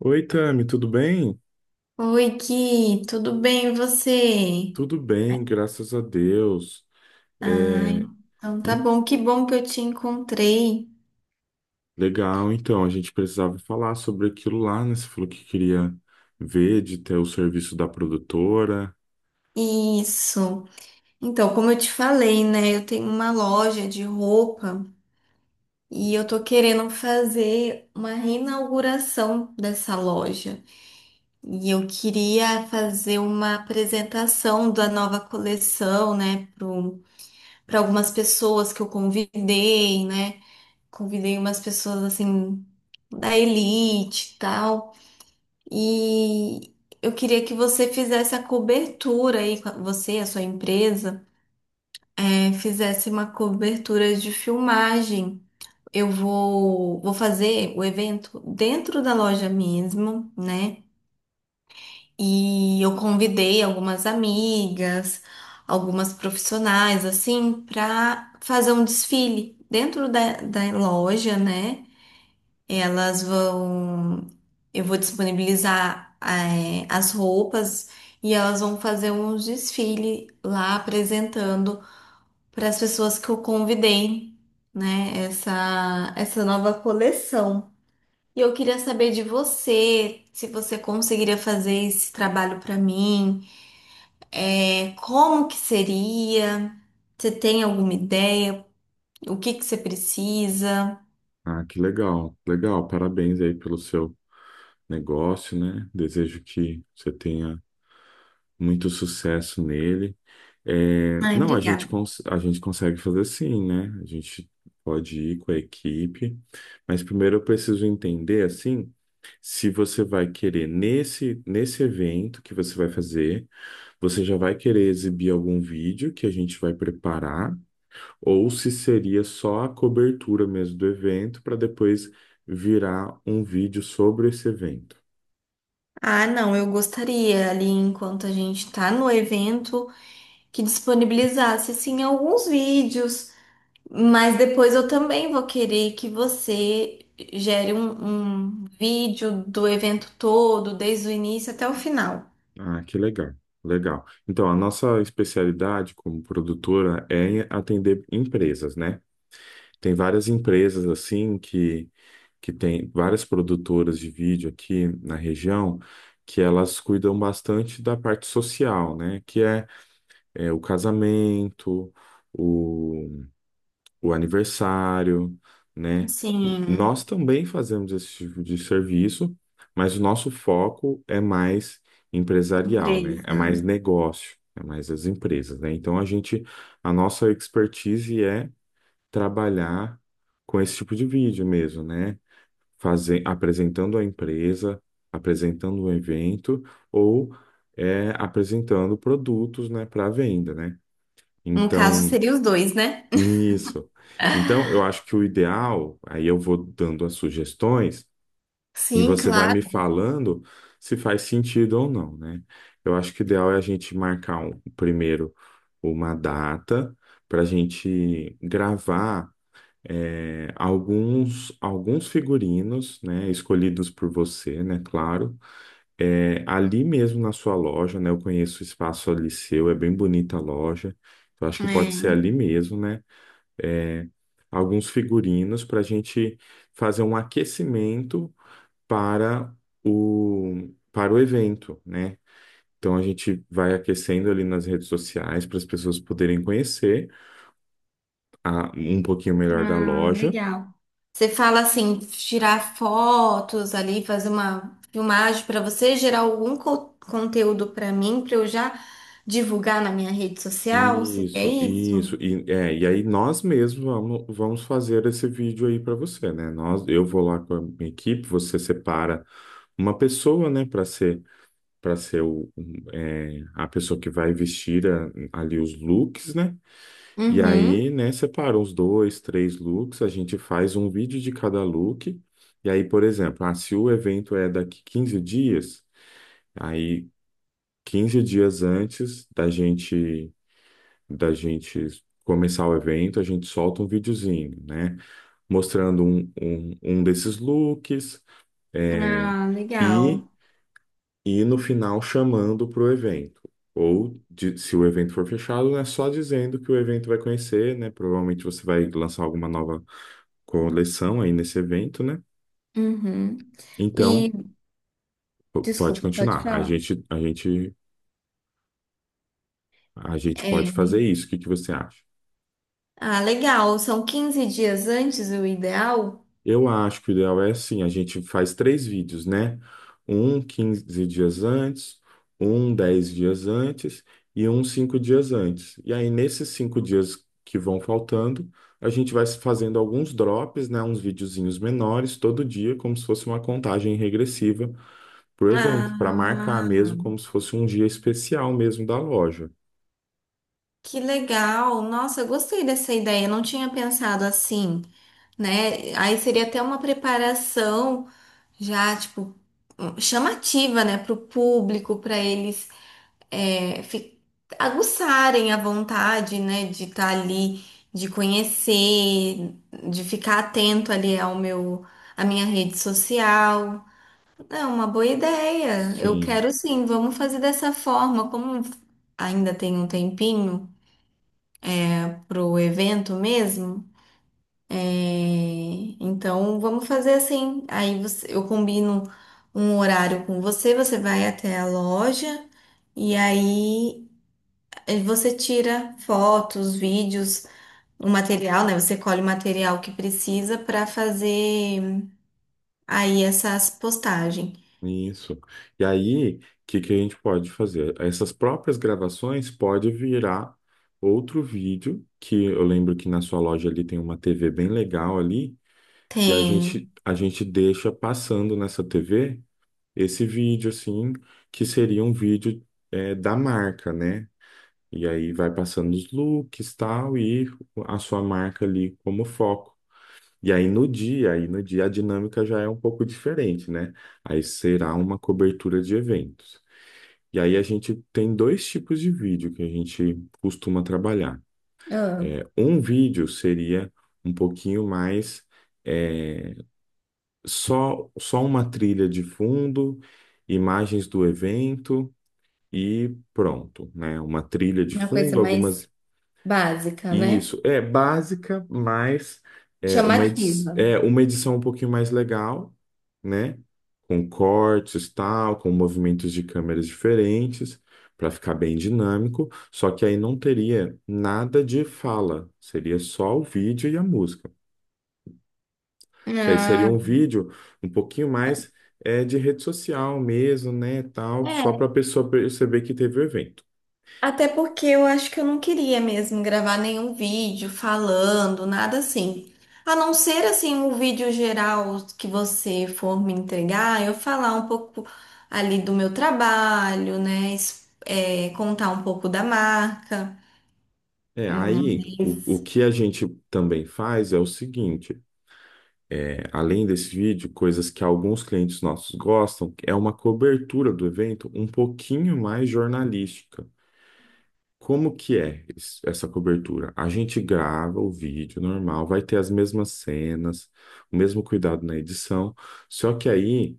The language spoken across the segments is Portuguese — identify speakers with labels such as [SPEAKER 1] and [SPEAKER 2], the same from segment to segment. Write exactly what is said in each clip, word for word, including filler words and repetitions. [SPEAKER 1] Oi, Tami, tudo bem?
[SPEAKER 2] Oi, Ki, tudo bem e você?
[SPEAKER 1] Tudo bem, graças a Deus.
[SPEAKER 2] Ai,
[SPEAKER 1] É,
[SPEAKER 2] então tá
[SPEAKER 1] em-
[SPEAKER 2] bom, que bom que eu te encontrei.
[SPEAKER 1] legal, então, a gente precisava falar sobre aquilo lá, né? Você falou que queria ver de ter o serviço da produtora.
[SPEAKER 2] Isso. Então, como eu te falei, né, eu tenho uma loja de roupa e eu tô querendo fazer uma reinauguração dessa loja. E eu queria fazer uma apresentação da nova coleção, né, para algumas pessoas que eu convidei, né? Convidei umas pessoas assim da elite e tal. E eu queria que você fizesse a cobertura aí, você, a sua empresa, é, fizesse uma cobertura de filmagem. Eu vou, vou fazer o evento dentro da loja mesmo, né? E eu convidei algumas amigas, algumas profissionais, assim, para fazer um desfile dentro da, da loja, né? Elas vão. Eu vou disponibilizar eh, as roupas e elas vão fazer um desfile lá apresentando para as pessoas que eu convidei, né? Essa, essa nova coleção. E eu queria saber de você, se você conseguiria fazer esse trabalho para mim, eh, como que seria? Você tem alguma ideia? O que que você precisa?
[SPEAKER 1] Ah, que legal, legal. Parabéns aí pelo seu negócio, né? Desejo que você tenha muito sucesso nele. É,
[SPEAKER 2] Ai,
[SPEAKER 1] não, a gente,
[SPEAKER 2] obrigada.
[SPEAKER 1] cons- a gente consegue fazer, sim, né? A gente pode ir com a equipe, mas primeiro eu preciso entender, assim, se você vai querer, nesse, nesse evento que você vai fazer, você já vai querer exibir algum vídeo que a gente vai preparar, ou se seria só a cobertura mesmo do evento, para depois virar um vídeo sobre esse evento.
[SPEAKER 2] Ah, não, eu gostaria ali enquanto a gente tá no evento que disponibilizasse assim alguns vídeos, mas depois eu também vou querer que você gere um, um vídeo do evento todo, desde o início até o final.
[SPEAKER 1] Ah, que legal, legal. Então, a nossa especialidade como produtora é atender empresas, né? Tem várias empresas assim que que tem várias produtoras de vídeo aqui na região que elas cuidam bastante da parte social, né? Que é, é, o casamento, o aniversário, né?
[SPEAKER 2] Assim,
[SPEAKER 1] Nós também fazemos esse tipo de serviço, mas o nosso foco é mais empresarial, né? É
[SPEAKER 2] empresa.
[SPEAKER 1] mais negócio, é mais as empresas, né? Então a gente, a nossa expertise é trabalhar com esse tipo de vídeo mesmo, né? Fazer, apresentando a empresa, apresentando o evento ou é, apresentando produtos, né, para venda, né?
[SPEAKER 2] No caso,
[SPEAKER 1] Então
[SPEAKER 2] seria os dois, né?
[SPEAKER 1] isso. Então, eu acho que o ideal, aí eu vou dando as sugestões e
[SPEAKER 2] Sim,
[SPEAKER 1] você vai
[SPEAKER 2] claro.
[SPEAKER 1] me falando se faz sentido ou não, né? Eu acho que o ideal é a gente marcar um, primeiro uma data para a gente gravar é, alguns, alguns figurinos, né? Escolhidos por você, né? Claro. É, ali mesmo na sua loja, né? Eu conheço o espaço ali seu, é bem bonita a loja. Eu acho que pode ser
[SPEAKER 2] É.
[SPEAKER 1] ali mesmo, né? é, alguns figurinos para a gente fazer um aquecimento para o, para o evento, né? Então a gente vai aquecendo ali nas redes sociais para as pessoas poderem conhecer a- um pouquinho melhor da
[SPEAKER 2] Ah,
[SPEAKER 1] loja.
[SPEAKER 2] legal. Você fala assim, tirar fotos ali, fazer uma filmagem para você gerar algum co- conteúdo para mim, para eu já divulgar na minha rede social, se é
[SPEAKER 1] Isso,
[SPEAKER 2] isso?
[SPEAKER 1] isso, e, é, e aí nós mesmos vamos, vamos fazer esse vídeo aí para você, né? Nós, eu vou lá com a minha equipe, você separa uma pessoa, né, para para ser o, um, é, a pessoa que vai vestir a- ali os looks, né? E aí,
[SPEAKER 2] Uhum.
[SPEAKER 1] né, separa os dois, três looks, a gente faz um vídeo de cada look. E aí, por exemplo, ah, se o evento é daqui quinze dias, aí quinze dias antes da gente da gente começar o evento, a gente solta um videozinho, né? Mostrando um, um, um desses looks, é,
[SPEAKER 2] Ah,
[SPEAKER 1] e
[SPEAKER 2] legal.
[SPEAKER 1] e no final chamando para o evento. Ou, de- se o evento for fechado, é só dizendo que o evento vai conhecer, né? Provavelmente você vai lançar alguma nova coleção aí nesse evento, né?
[SPEAKER 2] Uhum.
[SPEAKER 1] Então,
[SPEAKER 2] E,
[SPEAKER 1] p- pode
[SPEAKER 2] desculpa, pode
[SPEAKER 1] continuar. A
[SPEAKER 2] falar.
[SPEAKER 1] gente, a gente, a gente
[SPEAKER 2] é,
[SPEAKER 1] pode fazer isso. O que que você acha?
[SPEAKER 2] ah, legal, são quinze dias antes o ideal?
[SPEAKER 1] Eu acho que o ideal é assim, a gente faz três vídeos, né? Um quinze dias antes, um dez dias antes e um cinco dias antes. E aí, nesses cinco dias que vão faltando, a gente vai fazendo alguns drops, né? Uns videozinhos menores todo dia, como se fosse uma contagem regressiva para o evento, para
[SPEAKER 2] Ah,
[SPEAKER 1] marcar mesmo como se fosse um dia especial mesmo da loja.
[SPEAKER 2] que legal. Nossa, eu gostei dessa ideia, eu não tinha pensado assim. Né? Aí seria até uma preparação já, tipo, chamativa, né, para o público, para eles, é, fi- aguçarem a vontade, né, de estar ali, de conhecer, de ficar atento ali ao meu, à minha rede social. É uma boa ideia. Eu
[SPEAKER 1] Sim.
[SPEAKER 2] quero sim, vamos fazer dessa forma, como ainda tem um tempinho pro evento mesmo. É, então vamos fazer assim. Aí você- eu combino um horário com você, você vai até a loja e aí eh, você tira fotos, vídeos, o material, né? Você colhe o material que precisa para fazer aí essas postagens.
[SPEAKER 1] Isso. E aí, o que que a gente pode fazer? Essas próprias gravações pode virar outro vídeo, que eu lembro que na sua loja ali tem uma T V bem legal ali, e a
[SPEAKER 2] Tem.
[SPEAKER 1] gente, a gente deixa passando nessa T V esse vídeo, assim, que seria um vídeo é, da marca, né? E aí vai passando os looks, tal, e a sua marca ali como foco. E aí no dia, aí no dia a dinâmica já é um pouco diferente, né? Aí será uma cobertura de eventos. E aí a gente tem dois tipos de vídeo que a gente costuma trabalhar.
[SPEAKER 2] Ah,
[SPEAKER 1] É, um vídeo seria um pouquinho mais é, só só uma trilha de fundo, imagens do evento e pronto, né? Uma trilha de
[SPEAKER 2] uma coisa
[SPEAKER 1] fundo,
[SPEAKER 2] mais
[SPEAKER 1] algumas
[SPEAKER 2] básica, né?
[SPEAKER 1] Isso, é básica, mas é uma, edi
[SPEAKER 2] Chamativa.
[SPEAKER 1] é uma edição um pouquinho mais legal, né? Com cortes, tal, com movimentos de câmeras diferentes, para ficar bem dinâmico. Só que aí não teria nada de fala, seria só o vídeo e a música. Que aí seria um vídeo um pouquinho mais é, de rede social mesmo, né? Tal, só para a
[SPEAKER 2] Ah,
[SPEAKER 1] pessoa perceber que teve o evento.
[SPEAKER 2] até porque eu acho que eu não queria mesmo gravar nenhum vídeo falando, nada assim. A não ser assim o vídeo geral que você for me entregar, eu falar um pouco ali do meu trabalho, né? es- é, contar um pouco da marca.
[SPEAKER 1] É,
[SPEAKER 2] Hum,
[SPEAKER 1] aí o, o
[SPEAKER 2] mas-
[SPEAKER 1] que a gente também faz é o seguinte. É, além desse vídeo, coisas que alguns clientes nossos gostam, é uma cobertura do evento um pouquinho mais jornalística. Como que é es- essa cobertura? A gente grava o vídeo normal, vai ter as mesmas cenas, o mesmo cuidado na edição, só que aí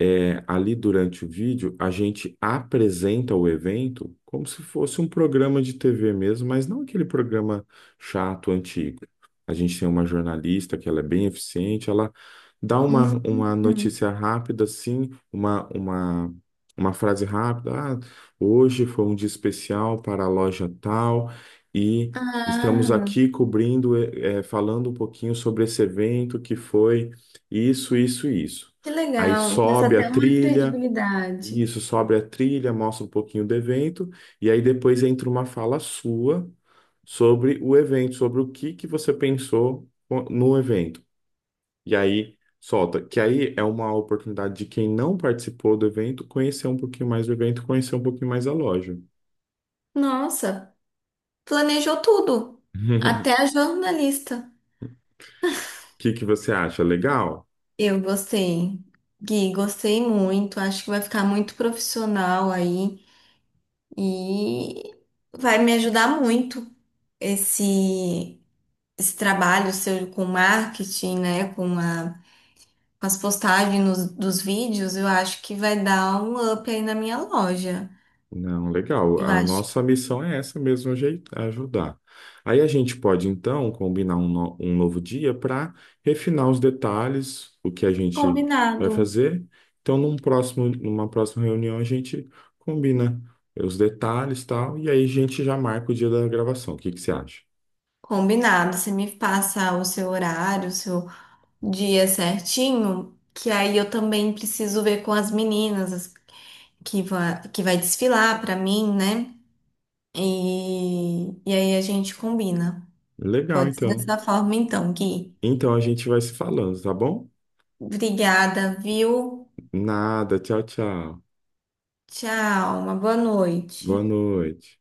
[SPEAKER 1] é, ali durante o vídeo, a gente apresenta o evento como se fosse um programa de T V mesmo, mas não aquele programa chato, antigo. A gente tem uma jornalista que ela é bem eficiente, ela dá uma, uma
[SPEAKER 2] Hum.
[SPEAKER 1] notícia rápida, assim, uma, uma, uma frase rápida. Ah, hoje foi um dia especial para a loja tal e estamos
[SPEAKER 2] Ah,
[SPEAKER 1] aqui cobrindo, eh, eh, falando um pouquinho sobre esse evento que foi isso, isso, isso.
[SPEAKER 2] que
[SPEAKER 1] Aí
[SPEAKER 2] legal. Passa
[SPEAKER 1] sobe a
[SPEAKER 2] até uma
[SPEAKER 1] trilha,
[SPEAKER 2] credibilidade.
[SPEAKER 1] isso, sobe a trilha, mostra um pouquinho do evento, e aí depois entra uma fala sua sobre o evento, sobre o que que você pensou co- no evento. E aí solta, que aí é uma oportunidade de quem não participou do evento conhecer um pouquinho mais do evento, conhecer um pouquinho mais a loja.
[SPEAKER 2] Nossa, planejou tudo. Até a jornalista.
[SPEAKER 1] O que que você acha? Legal?
[SPEAKER 2] Eu gostei. Gui, gostei muito. Acho que vai ficar muito profissional aí e vai me ajudar muito esse, esse trabalho seu com marketing, né? Com a, com as postagens nos- dos vídeos. Eu acho que vai dar um up aí na minha loja.
[SPEAKER 1] Não, legal.
[SPEAKER 2] Eu
[SPEAKER 1] A
[SPEAKER 2] acho que
[SPEAKER 1] nossa missão é essa mesmo, ajei- ajudar. Aí a gente pode, então, combinar um, no- um novo dia para refinar os detalhes, o que a gente vai
[SPEAKER 2] combinado.
[SPEAKER 1] fazer. Então, num próximo, numa próxima reunião, a gente combina os detalhes e tal, e aí a gente já marca o dia da gravação. O que que você acha?
[SPEAKER 2] Combinado. Você me passa o seu horário, o seu dia certinho, que aí eu também preciso ver com as meninas. que vai, que vai desfilar pra mim, né? E, e aí a gente combina.
[SPEAKER 1] Legal,
[SPEAKER 2] Pode ser
[SPEAKER 1] então.
[SPEAKER 2] dessa forma então, Gui.
[SPEAKER 1] Então, a gente vai se falando, tá bom?
[SPEAKER 2] Obrigada, viu?
[SPEAKER 1] Nada, tchau, tchau.
[SPEAKER 2] Tchau, uma boa
[SPEAKER 1] Boa
[SPEAKER 2] noite.
[SPEAKER 1] noite.